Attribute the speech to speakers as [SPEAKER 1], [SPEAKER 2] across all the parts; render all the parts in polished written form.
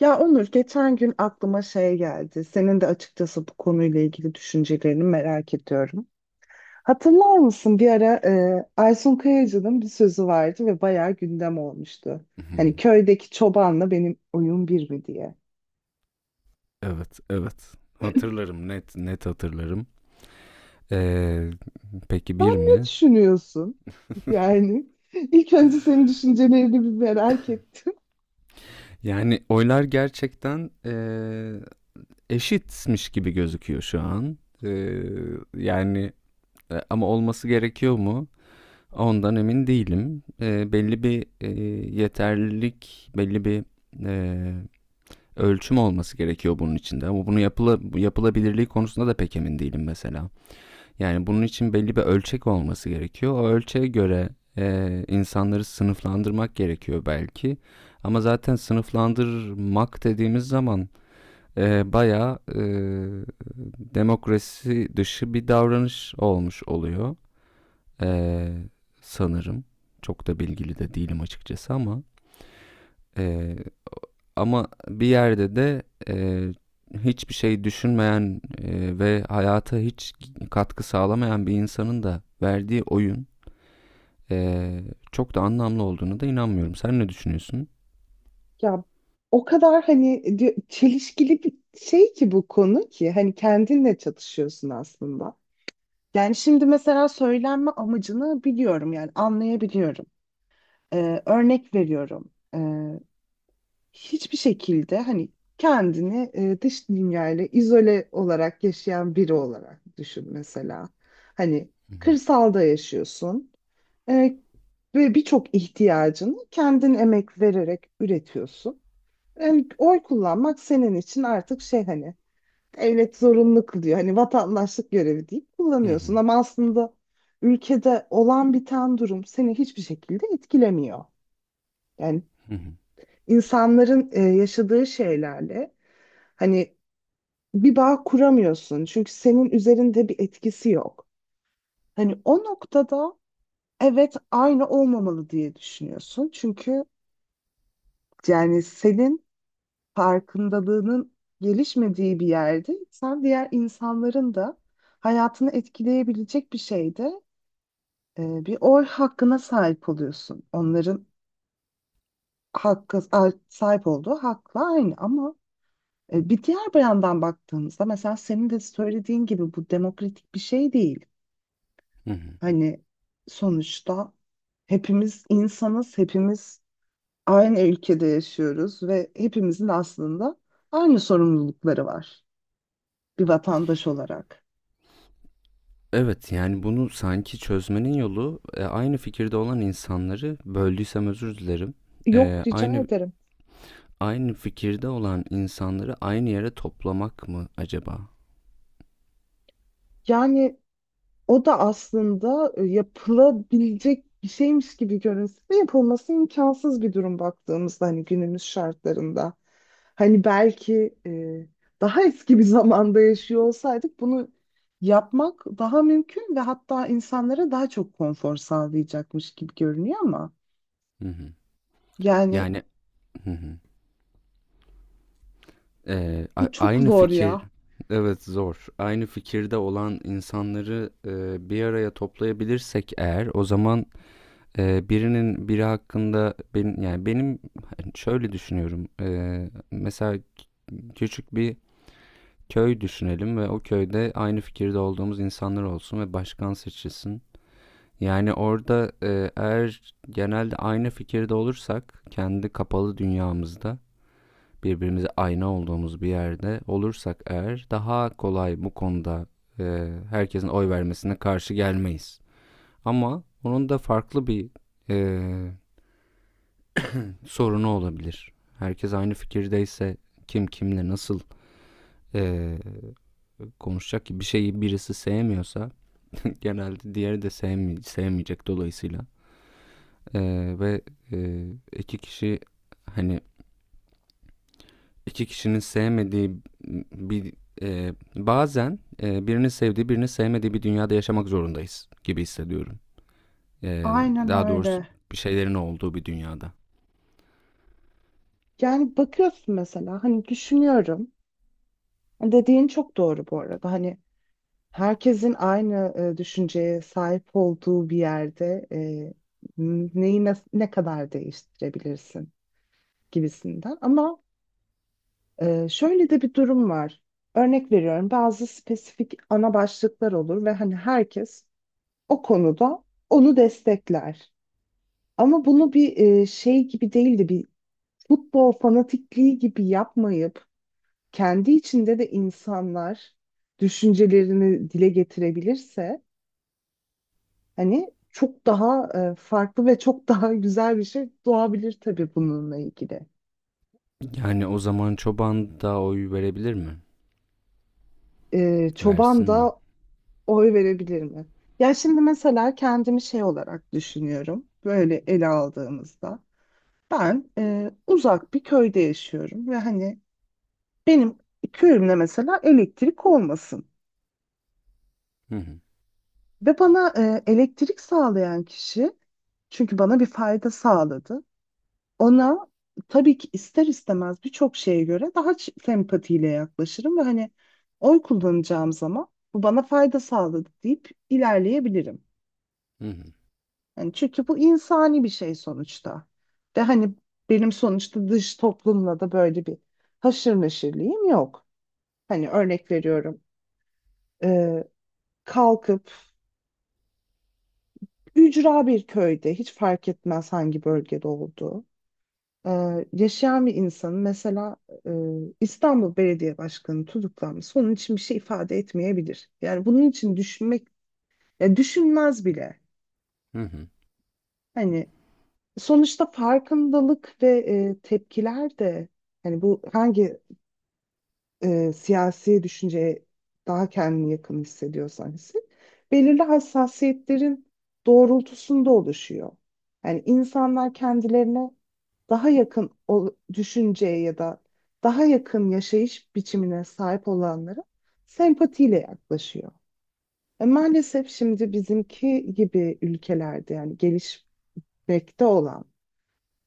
[SPEAKER 1] Ya Onur, geçen gün aklıma şey geldi. Senin de açıkçası bu konuyla ilgili düşüncelerini merak ediyorum. Hatırlar mısın bir ara Aysun Kayacı'nın bir sözü vardı ve bayağı gündem olmuştu. Hani
[SPEAKER 2] Hı.
[SPEAKER 1] köydeki çobanla benim oyun bir mi diye.
[SPEAKER 2] Evet, evet. Hatırlarım, net net hatırlarım. Ee, peki
[SPEAKER 1] Sen
[SPEAKER 2] bir
[SPEAKER 1] ne
[SPEAKER 2] mi?
[SPEAKER 1] düşünüyorsun? Yani ilk önce senin düşüncelerini bir merak ettim.
[SPEAKER 2] Yani oylar gerçekten eşitmiş gibi gözüküyor şu an. Ee, Yani ama olması gerekiyor mu? Ondan emin değilim. Belli bir yeterlilik, belli bir e, ölçüm olması gerekiyor bunun içinde. Ama bunu yapılabilirliği konusunda da pek emin değilim mesela. Yani bunun için belli bir ölçek olması gerekiyor. O ölçeğe göre insanları sınıflandırmak gerekiyor belki. Ama zaten sınıflandırmak dediğimiz zaman bayağı demokrasi dışı bir davranış olmuş oluyor. E, Sanırım. Çok da bilgili de değilim açıkçası ama e, ama bir yerde de e, hiçbir şey düşünmeyen ve hayata hiç katkı sağlamayan bir insanın da verdiği oyun e, çok da anlamlı olduğunu da inanmıyorum. Sen ne düşünüyorsun?
[SPEAKER 1] Ya o kadar hani çelişkili bir şey ki bu konu ki hani kendinle çatışıyorsun aslında. Yani şimdi mesela söylenme amacını biliyorum, yani anlayabiliyorum. Örnek veriyorum. Hiçbir şekilde hani kendini dış dünyayla izole olarak yaşayan biri olarak düşün mesela. Hani kırsalda yaşıyorsun e, ve birçok ihtiyacını kendin emek vererek üretiyorsun. Yani oy kullanmak senin için artık şey, hani devlet zorunlu kılıyor. Hani vatandaşlık görevi deyip
[SPEAKER 2] Hı
[SPEAKER 1] kullanıyorsun
[SPEAKER 2] hı.
[SPEAKER 1] ama aslında ülkede olan biten durum seni hiçbir şekilde etkilemiyor. Yani
[SPEAKER 2] Hı hı.
[SPEAKER 1] insanların yaşadığı şeylerle hani bir bağ kuramıyorsun çünkü senin üzerinde bir etkisi yok. Hani o noktada evet aynı olmamalı diye düşünüyorsun. Çünkü yani senin farkındalığının gelişmediği bir yerde sen diğer insanların da hayatını etkileyebilecek bir şeyde bir oy hakkına sahip oluyorsun. Onların hakkı, sahip olduğu hakla aynı ama bir diğer bir yandan baktığımızda mesela senin de söylediğin gibi bu demokratik bir şey değil.
[SPEAKER 2] Hı hı.
[SPEAKER 1] Hani sonuçta hepimiz insanız, hepimiz aynı ülkede yaşıyoruz ve hepimizin aslında aynı sorumlulukları var. Bir vatandaş olarak.
[SPEAKER 2] Evet, yani bunu sanki çözmenin yolu aynı fikirde olan insanları böldüysem özür dilerim.
[SPEAKER 1] Yok, rica
[SPEAKER 2] Aynı
[SPEAKER 1] ederim.
[SPEAKER 2] fikirde olan insanları aynı yere toplamak mı acaba?
[SPEAKER 1] Yani o da aslında yapılabilecek bir şeymiş gibi görünse de yapılması imkansız bir durum baktığımızda hani günümüz şartlarında. Hani belki daha eski bir zamanda yaşıyor olsaydık bunu yapmak daha mümkün ve hatta insanlara daha çok konfor sağlayacakmış gibi görünüyor ama
[SPEAKER 2] Hı hı.
[SPEAKER 1] yani
[SPEAKER 2] Yani, hı hı.
[SPEAKER 1] bu çok
[SPEAKER 2] Aynı
[SPEAKER 1] zor
[SPEAKER 2] fikir,
[SPEAKER 1] ya.
[SPEAKER 2] evet zor. Aynı fikirde olan insanları bir araya toplayabilirsek eğer, o zaman birinin biri hakkında benim yani, hani şöyle düşünüyorum. Mesela küçük bir köy düşünelim ve o köyde aynı fikirde olduğumuz insanlar olsun ve başkan seçilsin. Yani orada eğer genelde aynı fikirde olursak kendi kapalı dünyamızda birbirimize ayna olduğumuz bir yerde olursak eğer daha kolay bu konuda e, herkesin oy vermesine karşı gelmeyiz. Ama onun da farklı bir e, sorunu olabilir. Herkes aynı fikirdeyse kim kimle nasıl e, konuşacak ki, bir şeyi birisi sevmiyorsa genelde diğeri de sevmeyecek dolayısıyla. E, ve e, iki kişi, hani iki kişinin sevmediği bir bazen birini sevdiği birini sevmediği bir dünyada yaşamak zorundayız gibi hissediyorum. E,
[SPEAKER 1] Aynen
[SPEAKER 2] Daha doğrusu
[SPEAKER 1] öyle.
[SPEAKER 2] bir şeylerin olduğu bir dünyada.
[SPEAKER 1] Yani bakıyorsun mesela, hani düşünüyorum. Dediğin çok doğru bu arada. Hani herkesin aynı düşünceye sahip olduğu bir yerde neyi ne kadar değiştirebilirsin gibisinden. Ama şöyle de bir durum var. Örnek veriyorum, bazı spesifik ana başlıklar olur ve hani herkes o konuda onu destekler. Ama bunu bir şey gibi değil de bir futbol fanatikliği gibi yapmayıp kendi içinde de insanlar düşüncelerini dile getirebilirse hani çok daha farklı ve çok daha güzel bir şey doğabilir tabii bununla ilgili.
[SPEAKER 2] Yani o zaman çoban da oy verebilir mi?
[SPEAKER 1] Çoban
[SPEAKER 2] Versin mi?
[SPEAKER 1] da oy verebilir mi? Ya şimdi mesela kendimi şey olarak düşünüyorum. Böyle ele aldığımızda ben uzak bir köyde yaşıyorum ve hani benim köyümde mesela elektrik olmasın.
[SPEAKER 2] Hı hı.
[SPEAKER 1] Ve bana elektrik sağlayan kişi, çünkü bana bir fayda sağladı. Ona tabii ki ister istemez birçok şeye göre daha sempatiyle yaklaşırım ve hani oy kullanacağım zaman bu bana fayda sağladı deyip ilerleyebilirim.
[SPEAKER 2] Hı hı.
[SPEAKER 1] Yani çünkü bu insani bir şey sonuçta. Ve hani benim sonuçta dış toplumla da böyle bir haşır neşirliğim yok. Hani örnek veriyorum. e, Kalkıp ücra bir köyde, hiç fark etmez hangi bölgede olduğu, yaşayan bir insanın mesela e, İstanbul Belediye Başkanı tutuklanması onun için bir şey ifade etmeyebilir. Yani bunun için düşünmek, ya düşünmez bile.
[SPEAKER 2] Hı hı.
[SPEAKER 1] Hani sonuçta farkındalık ve tepkiler de hani bu hangi siyasi düşünceye daha kendini yakın hissediyorsan hisset, belirli hassasiyetlerin doğrultusunda oluşuyor. Yani insanlar kendilerine daha yakın o düşünceye ya da daha yakın yaşayış biçimine sahip olanlara sempatiyle yaklaşıyor. Maalesef şimdi bizimki gibi ülkelerde, yani gelişmekte olan,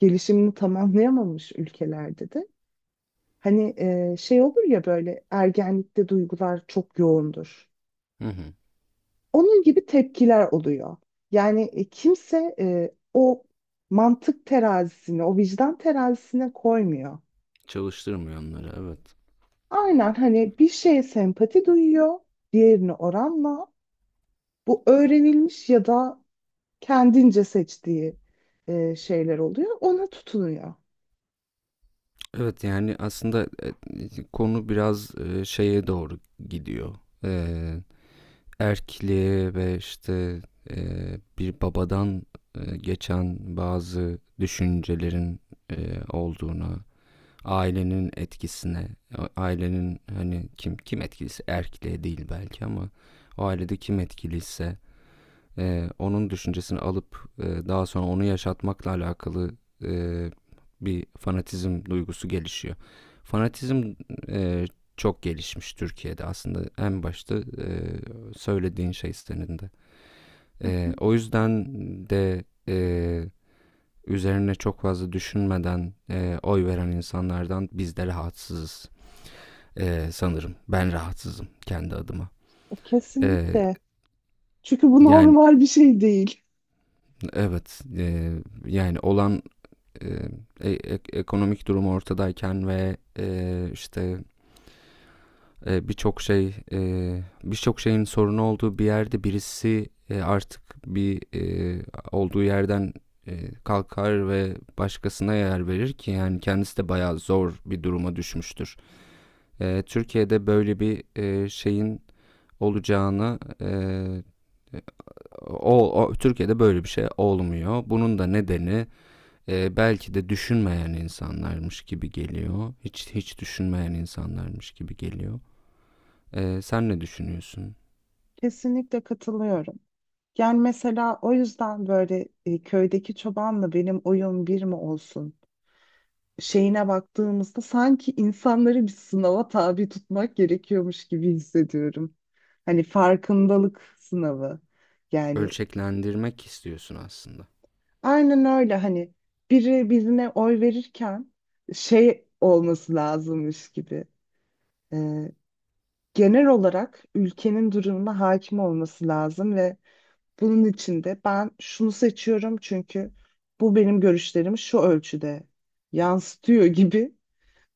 [SPEAKER 1] gelişimini tamamlayamamış ülkelerde de hani şey olur ya, böyle ergenlikte duygular çok yoğundur.
[SPEAKER 2] Hı hı.
[SPEAKER 1] Onun gibi tepkiler oluyor. Yani kimse o mantık terazisini, o vicdan terazisine koymuyor.
[SPEAKER 2] Çalıştırmıyor onları, evet.
[SPEAKER 1] Aynen, hani bir şeye sempati duyuyor, diğerine oranla. Bu öğrenilmiş ya da kendince seçtiği şeyler oluyor. Ona tutunuyor.
[SPEAKER 2] Evet, yani aslında konu biraz şeye doğru gidiyor. E, Erkliğe ve işte bir babadan geçen bazı düşüncelerin olduğuna, ailenin etkisine, ailenin hani kim etkiliyse erkliğe değil belki ama o ailede kim etkiliyse onun düşüncesini alıp daha sonra onu yaşatmakla alakalı e, bir fanatizm duygusu gelişiyor. Fanatizm e, çok gelişmiş Türkiye'de aslında en başta söylediğin şey senin de.
[SPEAKER 1] Hı hı.
[SPEAKER 2] O yüzden de üzerine çok fazla düşünmeden oy veren insanlardan biz de rahatsızız sanırım. Ben rahatsızım kendi adıma. E,
[SPEAKER 1] Kesinlikle. Çünkü bu
[SPEAKER 2] Yani
[SPEAKER 1] normal bir şey değil.
[SPEAKER 2] evet, yani olan e, ekonomik durumu ortadayken ve işte birçok şey birçok şeyin sorunu olduğu bir yerde birisi artık bir olduğu yerden kalkar ve başkasına yer verir ki yani kendisi de bayağı zor bir duruma düşmüştür. Türkiye'de böyle bir şeyin olacağını Türkiye'de böyle bir şey olmuyor. Bunun da nedeni belki de düşünmeyen insanlarmış gibi geliyor. Hiç düşünmeyen insanlarmış gibi geliyor. Sen ne düşünüyorsun?
[SPEAKER 1] Kesinlikle katılıyorum. Yani mesela o yüzden böyle köydeki çobanla benim oyun bir mi olsun şeyine baktığımızda sanki insanları bir sınava tabi tutmak gerekiyormuş gibi hissediyorum. Hani farkındalık sınavı. Yani
[SPEAKER 2] Ölçeklendirmek istiyorsun aslında.
[SPEAKER 1] aynen öyle, hani biri birine oy verirken şey olması lazımmış gibi. E, Genel olarak ülkenin durumuna hakim olması lazım ve bunun içinde ben şunu seçiyorum çünkü bu benim görüşlerimi şu ölçüde yansıtıyor gibi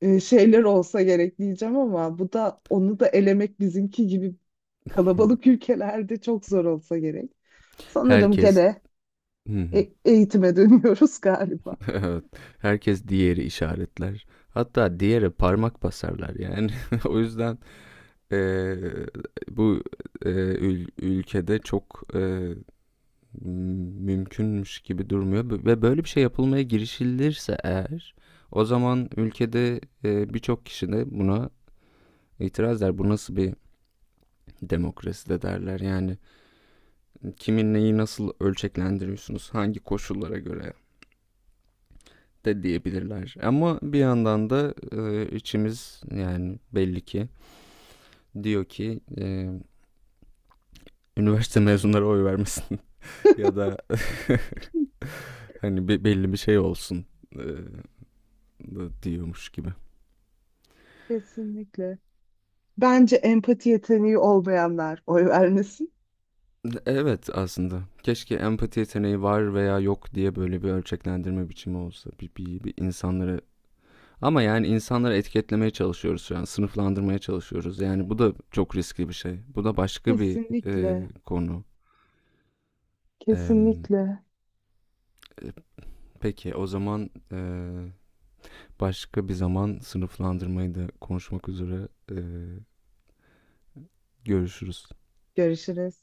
[SPEAKER 1] şeyler olsa gerek, diyeceğim ama bu da, onu da elemek bizimki gibi kalabalık ülkelerde çok zor olsa gerek. Sanırım
[SPEAKER 2] Herkes
[SPEAKER 1] gene eğitime dönüyoruz galiba.
[SPEAKER 2] Evet, herkes diğeri işaretler. Hatta diğere parmak basarlar yani. O yüzden e, bu e, ülkede çok mümkünmüş gibi durmuyor ve böyle bir şey yapılmaya girişilirse eğer o zaman ülkede, birçok kişi de buna itiraz eder. Bu nasıl bir demokrasi de derler. Yani, kimin neyi nasıl ölçeklendiriyorsunuz, hangi koşullara göre de diyebilirler. Ama bir yandan da, içimiz yani belli ki diyor ki, üniversite mezunları oy vermesin ya da hani belli bir şey olsun, eee, diyormuş gibi.
[SPEAKER 1] Kesinlikle. Bence empati yeteneği olmayanlar oy vermesin.
[SPEAKER 2] Evet aslında. Keşke empati yeteneği var veya yok diye böyle bir ölçeklendirme biçimi olsa. Bir insanları, ama yani insanları etiketlemeye çalışıyoruz şu an. Sınıflandırmaya çalışıyoruz. Yani bu da çok riskli bir şey. Bu da başka bir
[SPEAKER 1] Kesinlikle.
[SPEAKER 2] konu. Em,
[SPEAKER 1] Kesinlikle.
[SPEAKER 2] e, peki o zaman başka bir zaman sınıflandırmayı da konuşmak üzere görüşürüz.
[SPEAKER 1] Görüşürüz.